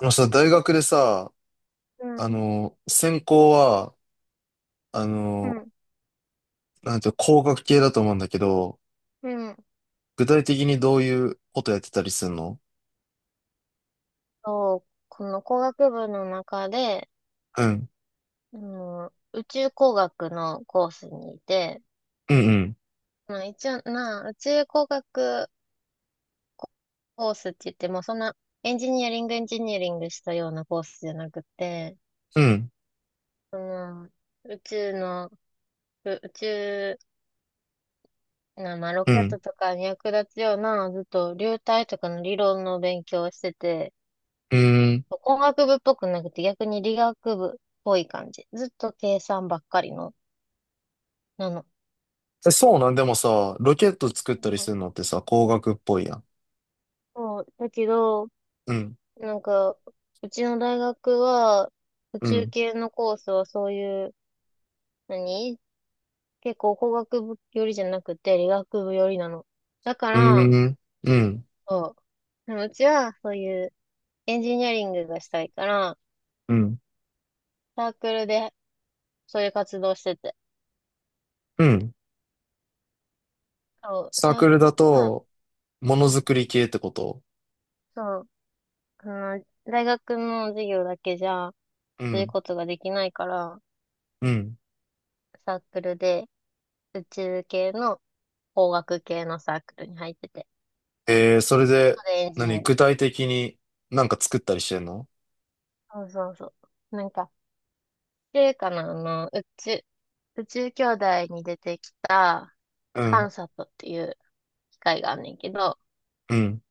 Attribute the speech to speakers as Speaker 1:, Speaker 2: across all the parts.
Speaker 1: あのさ、大学でさ、
Speaker 2: うん、
Speaker 1: 専攻は、あ
Speaker 2: う
Speaker 1: の、
Speaker 2: ん、
Speaker 1: なんていうの、工学系だと思うんだけど、
Speaker 2: うん。
Speaker 1: 具体的にどういうことやってたりするの？
Speaker 2: そう、この工学部の中で、
Speaker 1: うん。
Speaker 2: 宇宙工学のコースにいて、
Speaker 1: うんうん。
Speaker 2: まあ一応な、宇宙工学コースって言っても、そんなエンジニアリングエンジニアリングしたようなコースじゃなくて、
Speaker 1: うん。
Speaker 2: その、宇宙の、う宇宙な、まあロ
Speaker 1: う
Speaker 2: ケッ
Speaker 1: ん。
Speaker 2: トとかに役立つような、ずっと流体とかの理論の勉強をしてて、
Speaker 1: うん。
Speaker 2: 工学部っぽくなくて逆に理学部っぽい感じ。ずっと計算ばっかりのなの。
Speaker 1: え、そうなん？でもさ、ロケット作っ
Speaker 2: う
Speaker 1: たりす
Speaker 2: ん。
Speaker 1: るのってさ、工学っぽいやん。
Speaker 2: そう、だけど、
Speaker 1: うん。
Speaker 2: なんか、うちの大学は、宇
Speaker 1: う
Speaker 2: 宙
Speaker 1: ん。
Speaker 2: 系のコースはそういう、何結構工学部寄りじゃなくて理学部寄りなの。だか
Speaker 1: う
Speaker 2: ら、
Speaker 1: ん。うん。
Speaker 2: そう、でもうちはそういうエンジニアリングがしたいから、
Speaker 1: うん。
Speaker 2: サークルでそういう活動してて。
Speaker 1: うん。
Speaker 2: そう、
Speaker 1: サー
Speaker 2: サー
Speaker 1: クル
Speaker 2: ク
Speaker 1: だ
Speaker 2: ルが、
Speaker 1: と、もの
Speaker 2: う
Speaker 1: づ
Speaker 2: ん。
Speaker 1: くり系ってこと？
Speaker 2: そう、あ大学の授業だけじゃ、
Speaker 1: う
Speaker 2: そういう
Speaker 1: ん。
Speaker 2: ことができないから、
Speaker 1: うん。
Speaker 2: サークルで宇宙系の工学系のサークルに入ってて。
Speaker 1: それで、
Speaker 2: それエンジニ
Speaker 1: 何、
Speaker 2: アリン
Speaker 1: 具
Speaker 2: グ。
Speaker 1: 体的になんか作ったりしてんの？
Speaker 2: そうそうそう。なんか、っていうかな、の、宇宙、宇宙兄弟に出てきた、
Speaker 1: う
Speaker 2: カ
Speaker 1: ん。
Speaker 2: ンサットっていう機械があんねんけど、
Speaker 1: うん。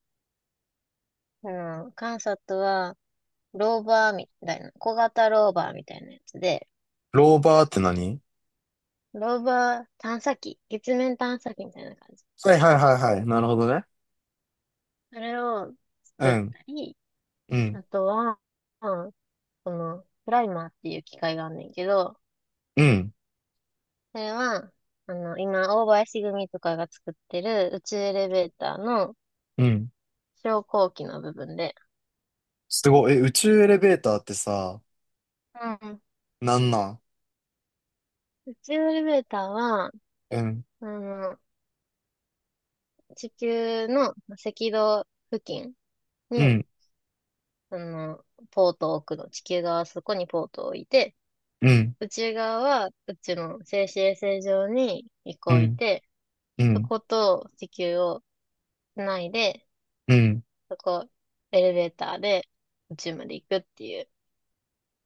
Speaker 2: うん。カンサットは、ローバーみたいな、小型ローバーみたいなやつで、
Speaker 1: ローバーって何？
Speaker 2: ローバー探査機、月面探査機みたいな感じ。
Speaker 1: はいはいはいはい。なるほどね。
Speaker 2: それを
Speaker 1: う
Speaker 2: 作っ
Speaker 1: ん。
Speaker 2: たり、
Speaker 1: うん。
Speaker 2: あとは、うん、この、プライマーっていう機械があんねんけど、
Speaker 1: うん。
Speaker 2: それは、今、大林組とかが作ってる宇宙エレベーターの
Speaker 1: うん。
Speaker 2: 昇降機の部分で、
Speaker 1: すごい。え、宇宙エレベーターってさ、
Speaker 2: うん。
Speaker 1: なんなん？
Speaker 2: 宇宙エレベーターは、
Speaker 1: うん。
Speaker 2: あの、地球の赤道付近
Speaker 1: う
Speaker 2: に、
Speaker 1: ん。
Speaker 2: あの、ポートを置くの。地球側はそこにポートを置いて、
Speaker 1: うん。
Speaker 2: 宇宙側は宇宙の静止衛星上に一
Speaker 1: う
Speaker 2: 個置い
Speaker 1: ん。
Speaker 2: て、
Speaker 1: う
Speaker 2: そ
Speaker 1: ん。
Speaker 2: こと地球をつないで、
Speaker 1: うん。
Speaker 2: そこエレベーターで宇宙まで行くっていう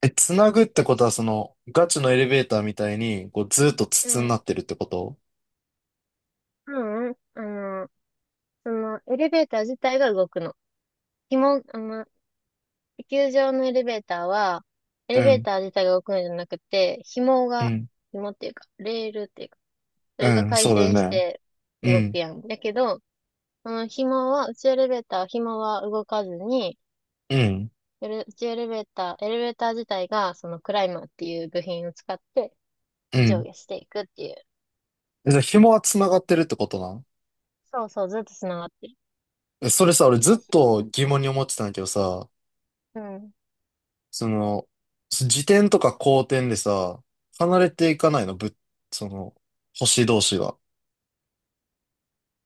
Speaker 1: え、つなぐって
Speaker 2: や
Speaker 1: こと
Speaker 2: つ。
Speaker 1: は、その、ガチのエレベーターみたいに、こう、ずっと
Speaker 2: う
Speaker 1: 筒にな
Speaker 2: ん
Speaker 1: ってるってこと？
Speaker 2: うんうん。の、そのエレベーター自体が動くの。紐、あの、地球上のエレベーターは、エ
Speaker 1: う
Speaker 2: レベー
Speaker 1: ん。
Speaker 2: ター自体が動くのじゃなくて、
Speaker 1: うん。
Speaker 2: 紐っていうか、レールっていうか、そ
Speaker 1: う
Speaker 2: れが
Speaker 1: ん。
Speaker 2: 回
Speaker 1: そうだ
Speaker 2: 転し
Speaker 1: よね。
Speaker 2: て
Speaker 1: う
Speaker 2: 動く
Speaker 1: ん。
Speaker 2: やん。だけど、その紐は、宇宙エレベーターは、紐は動かずに、
Speaker 1: うん。
Speaker 2: エレ宇宙エレベーター、エレベーター自体が、そのクライマーっていう部品を使って
Speaker 1: う
Speaker 2: 上
Speaker 1: ん。
Speaker 2: 下していくっていう。
Speaker 1: え、じゃあ、紐はつながってるってことなん？
Speaker 2: そうそう、ずっと繋がってる。
Speaker 1: え、それさ、俺ずっ
Speaker 2: 静止。
Speaker 1: と疑問に思ってたんだけどさ、
Speaker 2: うん。
Speaker 1: その、自転とか公転でさ、離れていかないの、その、星同士が。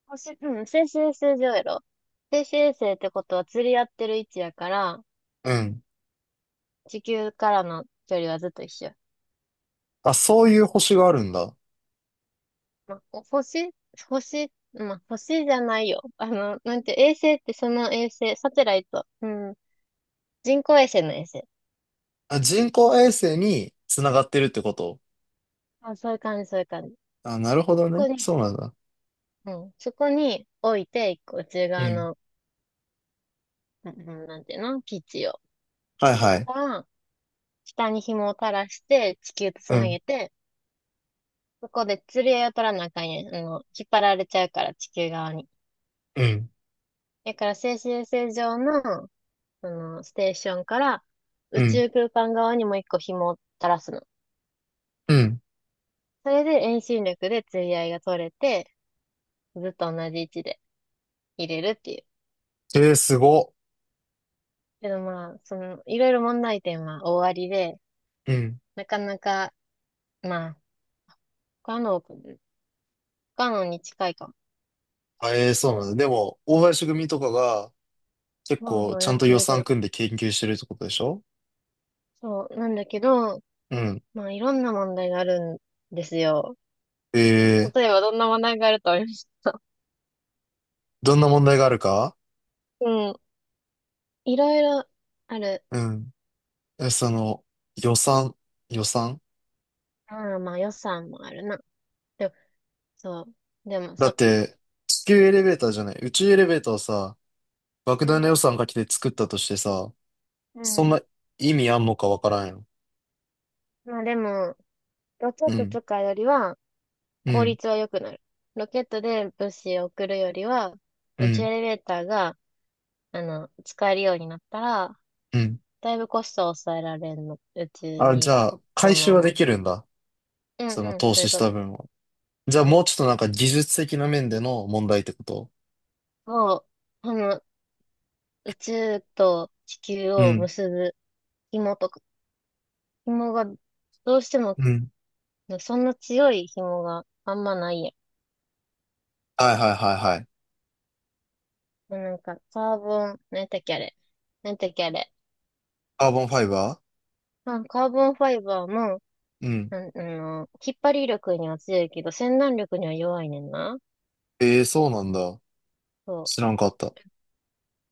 Speaker 2: うん。静止衛星上やろ。静止衛星ってことは釣り合ってる位置やから、
Speaker 1: うん。
Speaker 2: 地球からの距離はずっと一緒。
Speaker 1: あ、そういう星があるんだ。
Speaker 2: まあ、星じゃないよ。あの、なんて、衛星ってその衛星、サテライト。うん。人工衛星の衛星。
Speaker 1: あ、人工衛星に繋がってるってこと？
Speaker 2: あ、そういう感じ、そういう感じ。
Speaker 1: あ、なるほど
Speaker 2: そ
Speaker 1: ね。
Speaker 2: こに、
Speaker 1: そうなんだ。
Speaker 2: うん。そこに置いて、一個内
Speaker 1: う
Speaker 2: 側
Speaker 1: ん。
Speaker 2: の、うん。うん。なんていうの、基地を。
Speaker 1: はい
Speaker 2: そ
Speaker 1: はい。
Speaker 2: こから、下に紐を垂らして、地球とつ
Speaker 1: う
Speaker 2: な
Speaker 1: ん。
Speaker 2: げて、そこで釣り合いを取らなあかんやん。引っ張られちゃうから、地球側に。
Speaker 1: うん。
Speaker 2: だから、静止衛星上の、ステーションから、
Speaker 1: う
Speaker 2: 宇
Speaker 1: ん。
Speaker 2: 宙空間側にもう一個紐を垂らすの。
Speaker 1: うん。
Speaker 2: それで遠心力で釣り合いが取れて、ずっと同じ位置で入れるっていう。
Speaker 1: えー、すご。
Speaker 2: けどまあ、いろいろ問題点は大ありで、
Speaker 1: うん。
Speaker 2: なかなか、まあ、不可能に近いかも。
Speaker 1: あ、えー、そうなんだ。でも、大林組とかが結
Speaker 2: まあま
Speaker 1: 構
Speaker 2: あ
Speaker 1: ち
Speaker 2: や
Speaker 1: ゃん
Speaker 2: っ
Speaker 1: と
Speaker 2: て
Speaker 1: 予
Speaker 2: るけ
Speaker 1: 算
Speaker 2: ど。
Speaker 1: 組んで研究してるってことでしょ？
Speaker 2: そう、なんだけど、
Speaker 1: うん。
Speaker 2: まあいろんな問題があるんですよ。
Speaker 1: えー、
Speaker 2: 例えばどんな話題があると思いました。
Speaker 1: どんな問題があるか？
Speaker 2: うん。いろいろある。
Speaker 1: うん。え、その、予算、予算？
Speaker 2: ああ、まあ予算もあるな。でも、そう。でも
Speaker 1: だっ
Speaker 2: さ、
Speaker 1: て、地球エレベーターじゃない、宇宙エレベーターをさ、
Speaker 2: う
Speaker 1: 莫大な
Speaker 2: ん。
Speaker 1: 予算かけて作ったとしてさ、
Speaker 2: う
Speaker 1: そん
Speaker 2: ん。
Speaker 1: な意味あんのかわからんよ。
Speaker 2: まあでも、ロケ
Speaker 1: う
Speaker 2: ット
Speaker 1: ん、
Speaker 2: とかよりは
Speaker 1: う
Speaker 2: 効
Speaker 1: ん、
Speaker 2: 率は良くなる。ロケットで物資を送るよりは、
Speaker 1: う
Speaker 2: 宇宙
Speaker 1: ん、
Speaker 2: エレベーターが、使えるようになったら、
Speaker 1: うん。
Speaker 2: だいぶコストを抑えられるの。宇宙
Speaker 1: あ、じ
Speaker 2: に
Speaker 1: ゃあ、回
Speaker 2: 物
Speaker 1: 収
Speaker 2: を
Speaker 1: は
Speaker 2: 持っ
Speaker 1: で
Speaker 2: て。
Speaker 1: きるんだ。
Speaker 2: うん
Speaker 1: その
Speaker 2: うん、
Speaker 1: 投
Speaker 2: そうい
Speaker 1: 資
Speaker 2: う
Speaker 1: し
Speaker 2: こ
Speaker 1: た
Speaker 2: と。
Speaker 1: 分を。じゃ
Speaker 2: う
Speaker 1: あ
Speaker 2: ん、
Speaker 1: もうちょっとなんか、技術的な面での問題ってこと？
Speaker 2: そう。宇宙と地球
Speaker 1: う
Speaker 2: を
Speaker 1: ん、
Speaker 2: 結ぶ紐とか紐が、どうしても、
Speaker 1: うん。
Speaker 2: そんな強い紐があんまないや
Speaker 1: はいはいはいはい。
Speaker 2: ん。なんか、カーボン、なんだっけあれ。なんだっけあれ。
Speaker 1: カーボンファイバ
Speaker 2: まあ、カーボンファイバーも、
Speaker 1: ー。うん。
Speaker 2: なん、あの、引っ張り力には強いけど、洗顔力には弱いねんな。
Speaker 1: ええ、そうなんだ。
Speaker 2: そ
Speaker 1: 知ら
Speaker 2: う。
Speaker 1: んかった。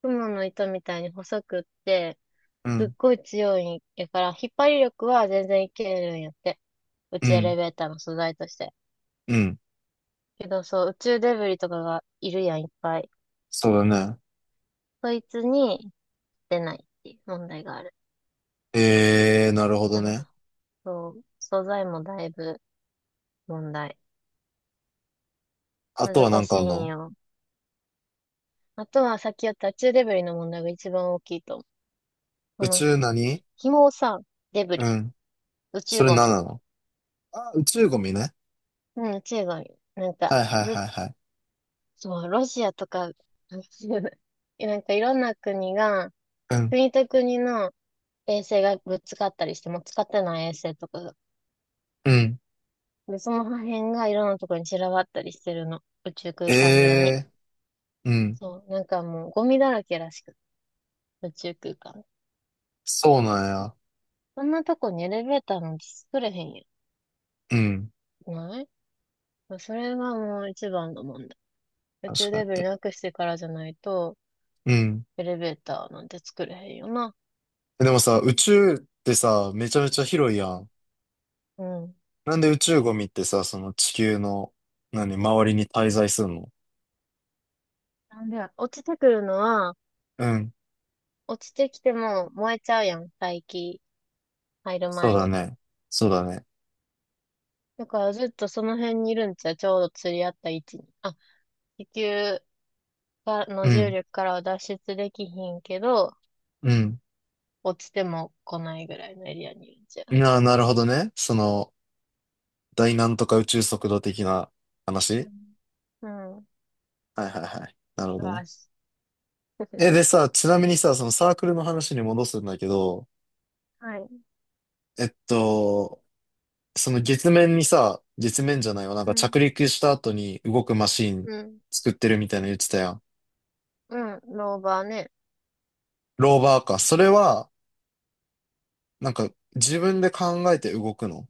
Speaker 2: 雲の糸みたいに細くって、
Speaker 1: う
Speaker 2: すっ
Speaker 1: ん、
Speaker 2: ごい強いんやから、引っ張り力は全然いけるんやって。宇
Speaker 1: う
Speaker 2: 宙エ
Speaker 1: ん、
Speaker 2: レベーターの素材として。
Speaker 1: うん。
Speaker 2: けど、そう、宇宙デブリとかがいるやん、いっぱい。
Speaker 1: そうだね。
Speaker 2: そいつに出ないっていう問題がある。
Speaker 1: ええー、なるほど
Speaker 2: から
Speaker 1: ね。
Speaker 2: そう、素材もだいぶ問題。
Speaker 1: あとはな
Speaker 2: 難
Speaker 1: んか
Speaker 2: し
Speaker 1: あ
Speaker 2: い
Speaker 1: ん
Speaker 2: ん
Speaker 1: の？
Speaker 2: よ。あとはさっきやった宇宙デブリの問題が一番大きいと思う。こ
Speaker 1: 宇
Speaker 2: の、
Speaker 1: 宙何？
Speaker 2: 紐をさ、デブ
Speaker 1: う
Speaker 2: リ、
Speaker 1: ん。
Speaker 2: 宇
Speaker 1: そ
Speaker 2: 宙
Speaker 1: れ
Speaker 2: ゴ
Speaker 1: 何
Speaker 2: ミ。
Speaker 1: なの？あ、宇宙ゴミね。
Speaker 2: うん、宇宙ゴミ。なんか、
Speaker 1: はいはい
Speaker 2: ずっ
Speaker 1: はいはい。
Speaker 2: と、ロシアとか、なんかいろんな国が、
Speaker 1: うん。
Speaker 2: 国と国の衛星がぶつかったりして、もう使ってない衛星とかが。
Speaker 1: うん。
Speaker 2: で、その破片がいろんなところに散らばったりしてるの。宇宙
Speaker 1: え
Speaker 2: 空間上に。
Speaker 1: えー、うん。
Speaker 2: そう、なんかもうゴミだらけらしく、宇宙空間。
Speaker 1: そうなんや。
Speaker 2: そんなとこにエレベーターなんて作れへんやん。
Speaker 1: うん。
Speaker 2: ないそれがもう一番の問題。宇
Speaker 1: 確
Speaker 2: 宙
Speaker 1: か
Speaker 2: デ
Speaker 1: に
Speaker 2: ブリ
Speaker 1: ね。
Speaker 2: なくしてからじゃないと、
Speaker 1: うん。
Speaker 2: エレベーターなんて作れへんよな。
Speaker 1: でもさ、宇宙ってさ、めちゃめちゃ広い
Speaker 2: う
Speaker 1: や
Speaker 2: ん。
Speaker 1: ん。
Speaker 2: うん。
Speaker 1: なんで宇宙ゴミってさ、その地球の、何、周りに滞在するの？
Speaker 2: なんで、落ちてくるのは、
Speaker 1: うん。
Speaker 2: 落ちてきても燃えちゃうやん、大気入る
Speaker 1: そう
Speaker 2: 前
Speaker 1: だ
Speaker 2: に。
Speaker 1: ね。そうだね。
Speaker 2: だからずっとその辺にいるんちゃう、ちょうど釣り合った位置に。あ、地球がの
Speaker 1: う
Speaker 2: 重
Speaker 1: ん。
Speaker 2: 力からは脱出できひんけど、
Speaker 1: うん。
Speaker 2: 落ちても来ないぐらいのエリアにいるんちゃ
Speaker 1: なるほどね。その、大なんとか宇宙速度的な
Speaker 2: う。う
Speaker 1: 話？
Speaker 2: ん。うん。
Speaker 1: はいはいはい。なるほ
Speaker 2: 素晴
Speaker 1: どね。
Speaker 2: らしい。
Speaker 1: え、でさ、ちなみにさ、そのサークルの話に戻すんだけど、
Speaker 2: はい。
Speaker 1: えっと、その月面にさ、月面じゃないわ、なん
Speaker 2: う
Speaker 1: か
Speaker 2: ん。
Speaker 1: 着陸した後に動くマシン
Speaker 2: うん。
Speaker 1: 作ってるみたいなの言ってたやん。
Speaker 2: うん。ローバーね。
Speaker 1: ローバーか。それは、なんか、自分で考えて動くの？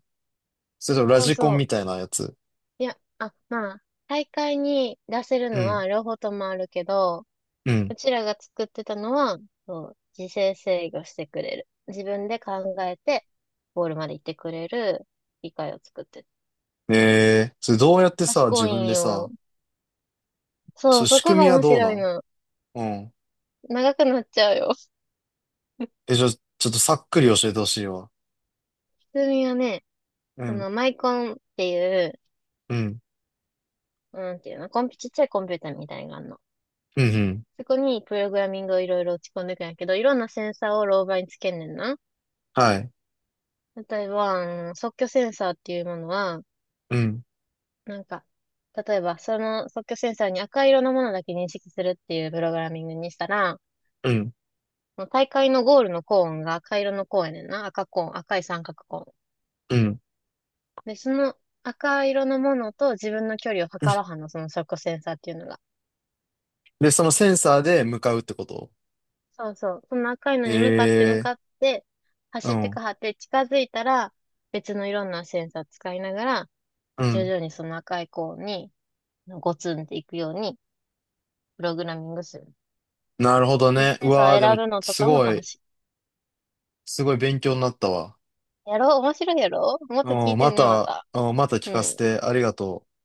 Speaker 1: それともラ
Speaker 2: そう
Speaker 1: ジコ
Speaker 2: そ
Speaker 1: ン
Speaker 2: う。
Speaker 1: みたいなやつ。
Speaker 2: いや、あ、まあ、大会に出せる
Speaker 1: う
Speaker 2: の
Speaker 1: ん。
Speaker 2: は両方ともあるけど、
Speaker 1: うん。
Speaker 2: うちらが作ってたのは、そう、自制制御してくれる。自分で考えて、ゴールまで行ってくれる理解を作ってた。
Speaker 1: ええ、それどうやってさ、
Speaker 2: 賢
Speaker 1: 自
Speaker 2: い
Speaker 1: 分
Speaker 2: ん
Speaker 1: で
Speaker 2: よ。
Speaker 1: さ、そ
Speaker 2: そ
Speaker 1: の
Speaker 2: う、そ
Speaker 1: 仕
Speaker 2: こ
Speaker 1: 組
Speaker 2: が
Speaker 1: みは
Speaker 2: 面
Speaker 1: どうな
Speaker 2: 白い
Speaker 1: ん？
Speaker 2: の。
Speaker 1: うん。
Speaker 2: 長くなっちゃうよ。
Speaker 1: え、じゃあ、ちょっとさっくり教えてほしいわ。
Speaker 2: 普通にはね、
Speaker 1: うん。
Speaker 2: マイコンっていう、
Speaker 1: うん。
Speaker 2: なんていうの、コンピ、ちっちゃいコンピューターみたいなのがある。
Speaker 1: うん、うん。
Speaker 2: そこにプログラミングをいろいろ打ち込んでいくんやけど、いろんなセンサーをローバーにつけんねんな。
Speaker 1: はい。
Speaker 2: 例えば、あの即興センサーっていうものは、
Speaker 1: うん。
Speaker 2: なんか、例えばその即興センサーに赤色のものだけ認識するっていうプログラミングにしたら、
Speaker 1: うん、
Speaker 2: 大会のゴールのコーンが赤色のコーンやねんな。赤コーン、赤い三角コーン。
Speaker 1: うん。
Speaker 2: で、その赤色のものと自分の距離を測らは んの、その即興センサーっていうのが。
Speaker 1: で、そのセンサーで向かうってこと？
Speaker 2: そうそう。その赤いのに向かって向
Speaker 1: ええ
Speaker 2: かって、
Speaker 1: ー。う
Speaker 2: 走って
Speaker 1: ん、
Speaker 2: かはって近づいたら、別のいろんなセンサー使いながら、
Speaker 1: う
Speaker 2: 徐
Speaker 1: ん。
Speaker 2: 々にその赤い子にゴツンっていくように、プログラミングする。
Speaker 1: なるほど
Speaker 2: うん。
Speaker 1: ね。
Speaker 2: セ
Speaker 1: う
Speaker 2: ンサ
Speaker 1: わー、
Speaker 2: ー
Speaker 1: で
Speaker 2: 選
Speaker 1: も、
Speaker 2: ぶのと
Speaker 1: す
Speaker 2: かも
Speaker 1: ご
Speaker 2: 楽
Speaker 1: い、
Speaker 2: しい。
Speaker 1: すごい勉強になったわ。
Speaker 2: やろう、面白いやろうもっと聞
Speaker 1: うん、
Speaker 2: いて
Speaker 1: ま
Speaker 2: ね、ま
Speaker 1: た、
Speaker 2: た。
Speaker 1: うん、また聞
Speaker 2: う
Speaker 1: かせ
Speaker 2: ん。
Speaker 1: てありがとう。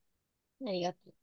Speaker 2: ありがとう。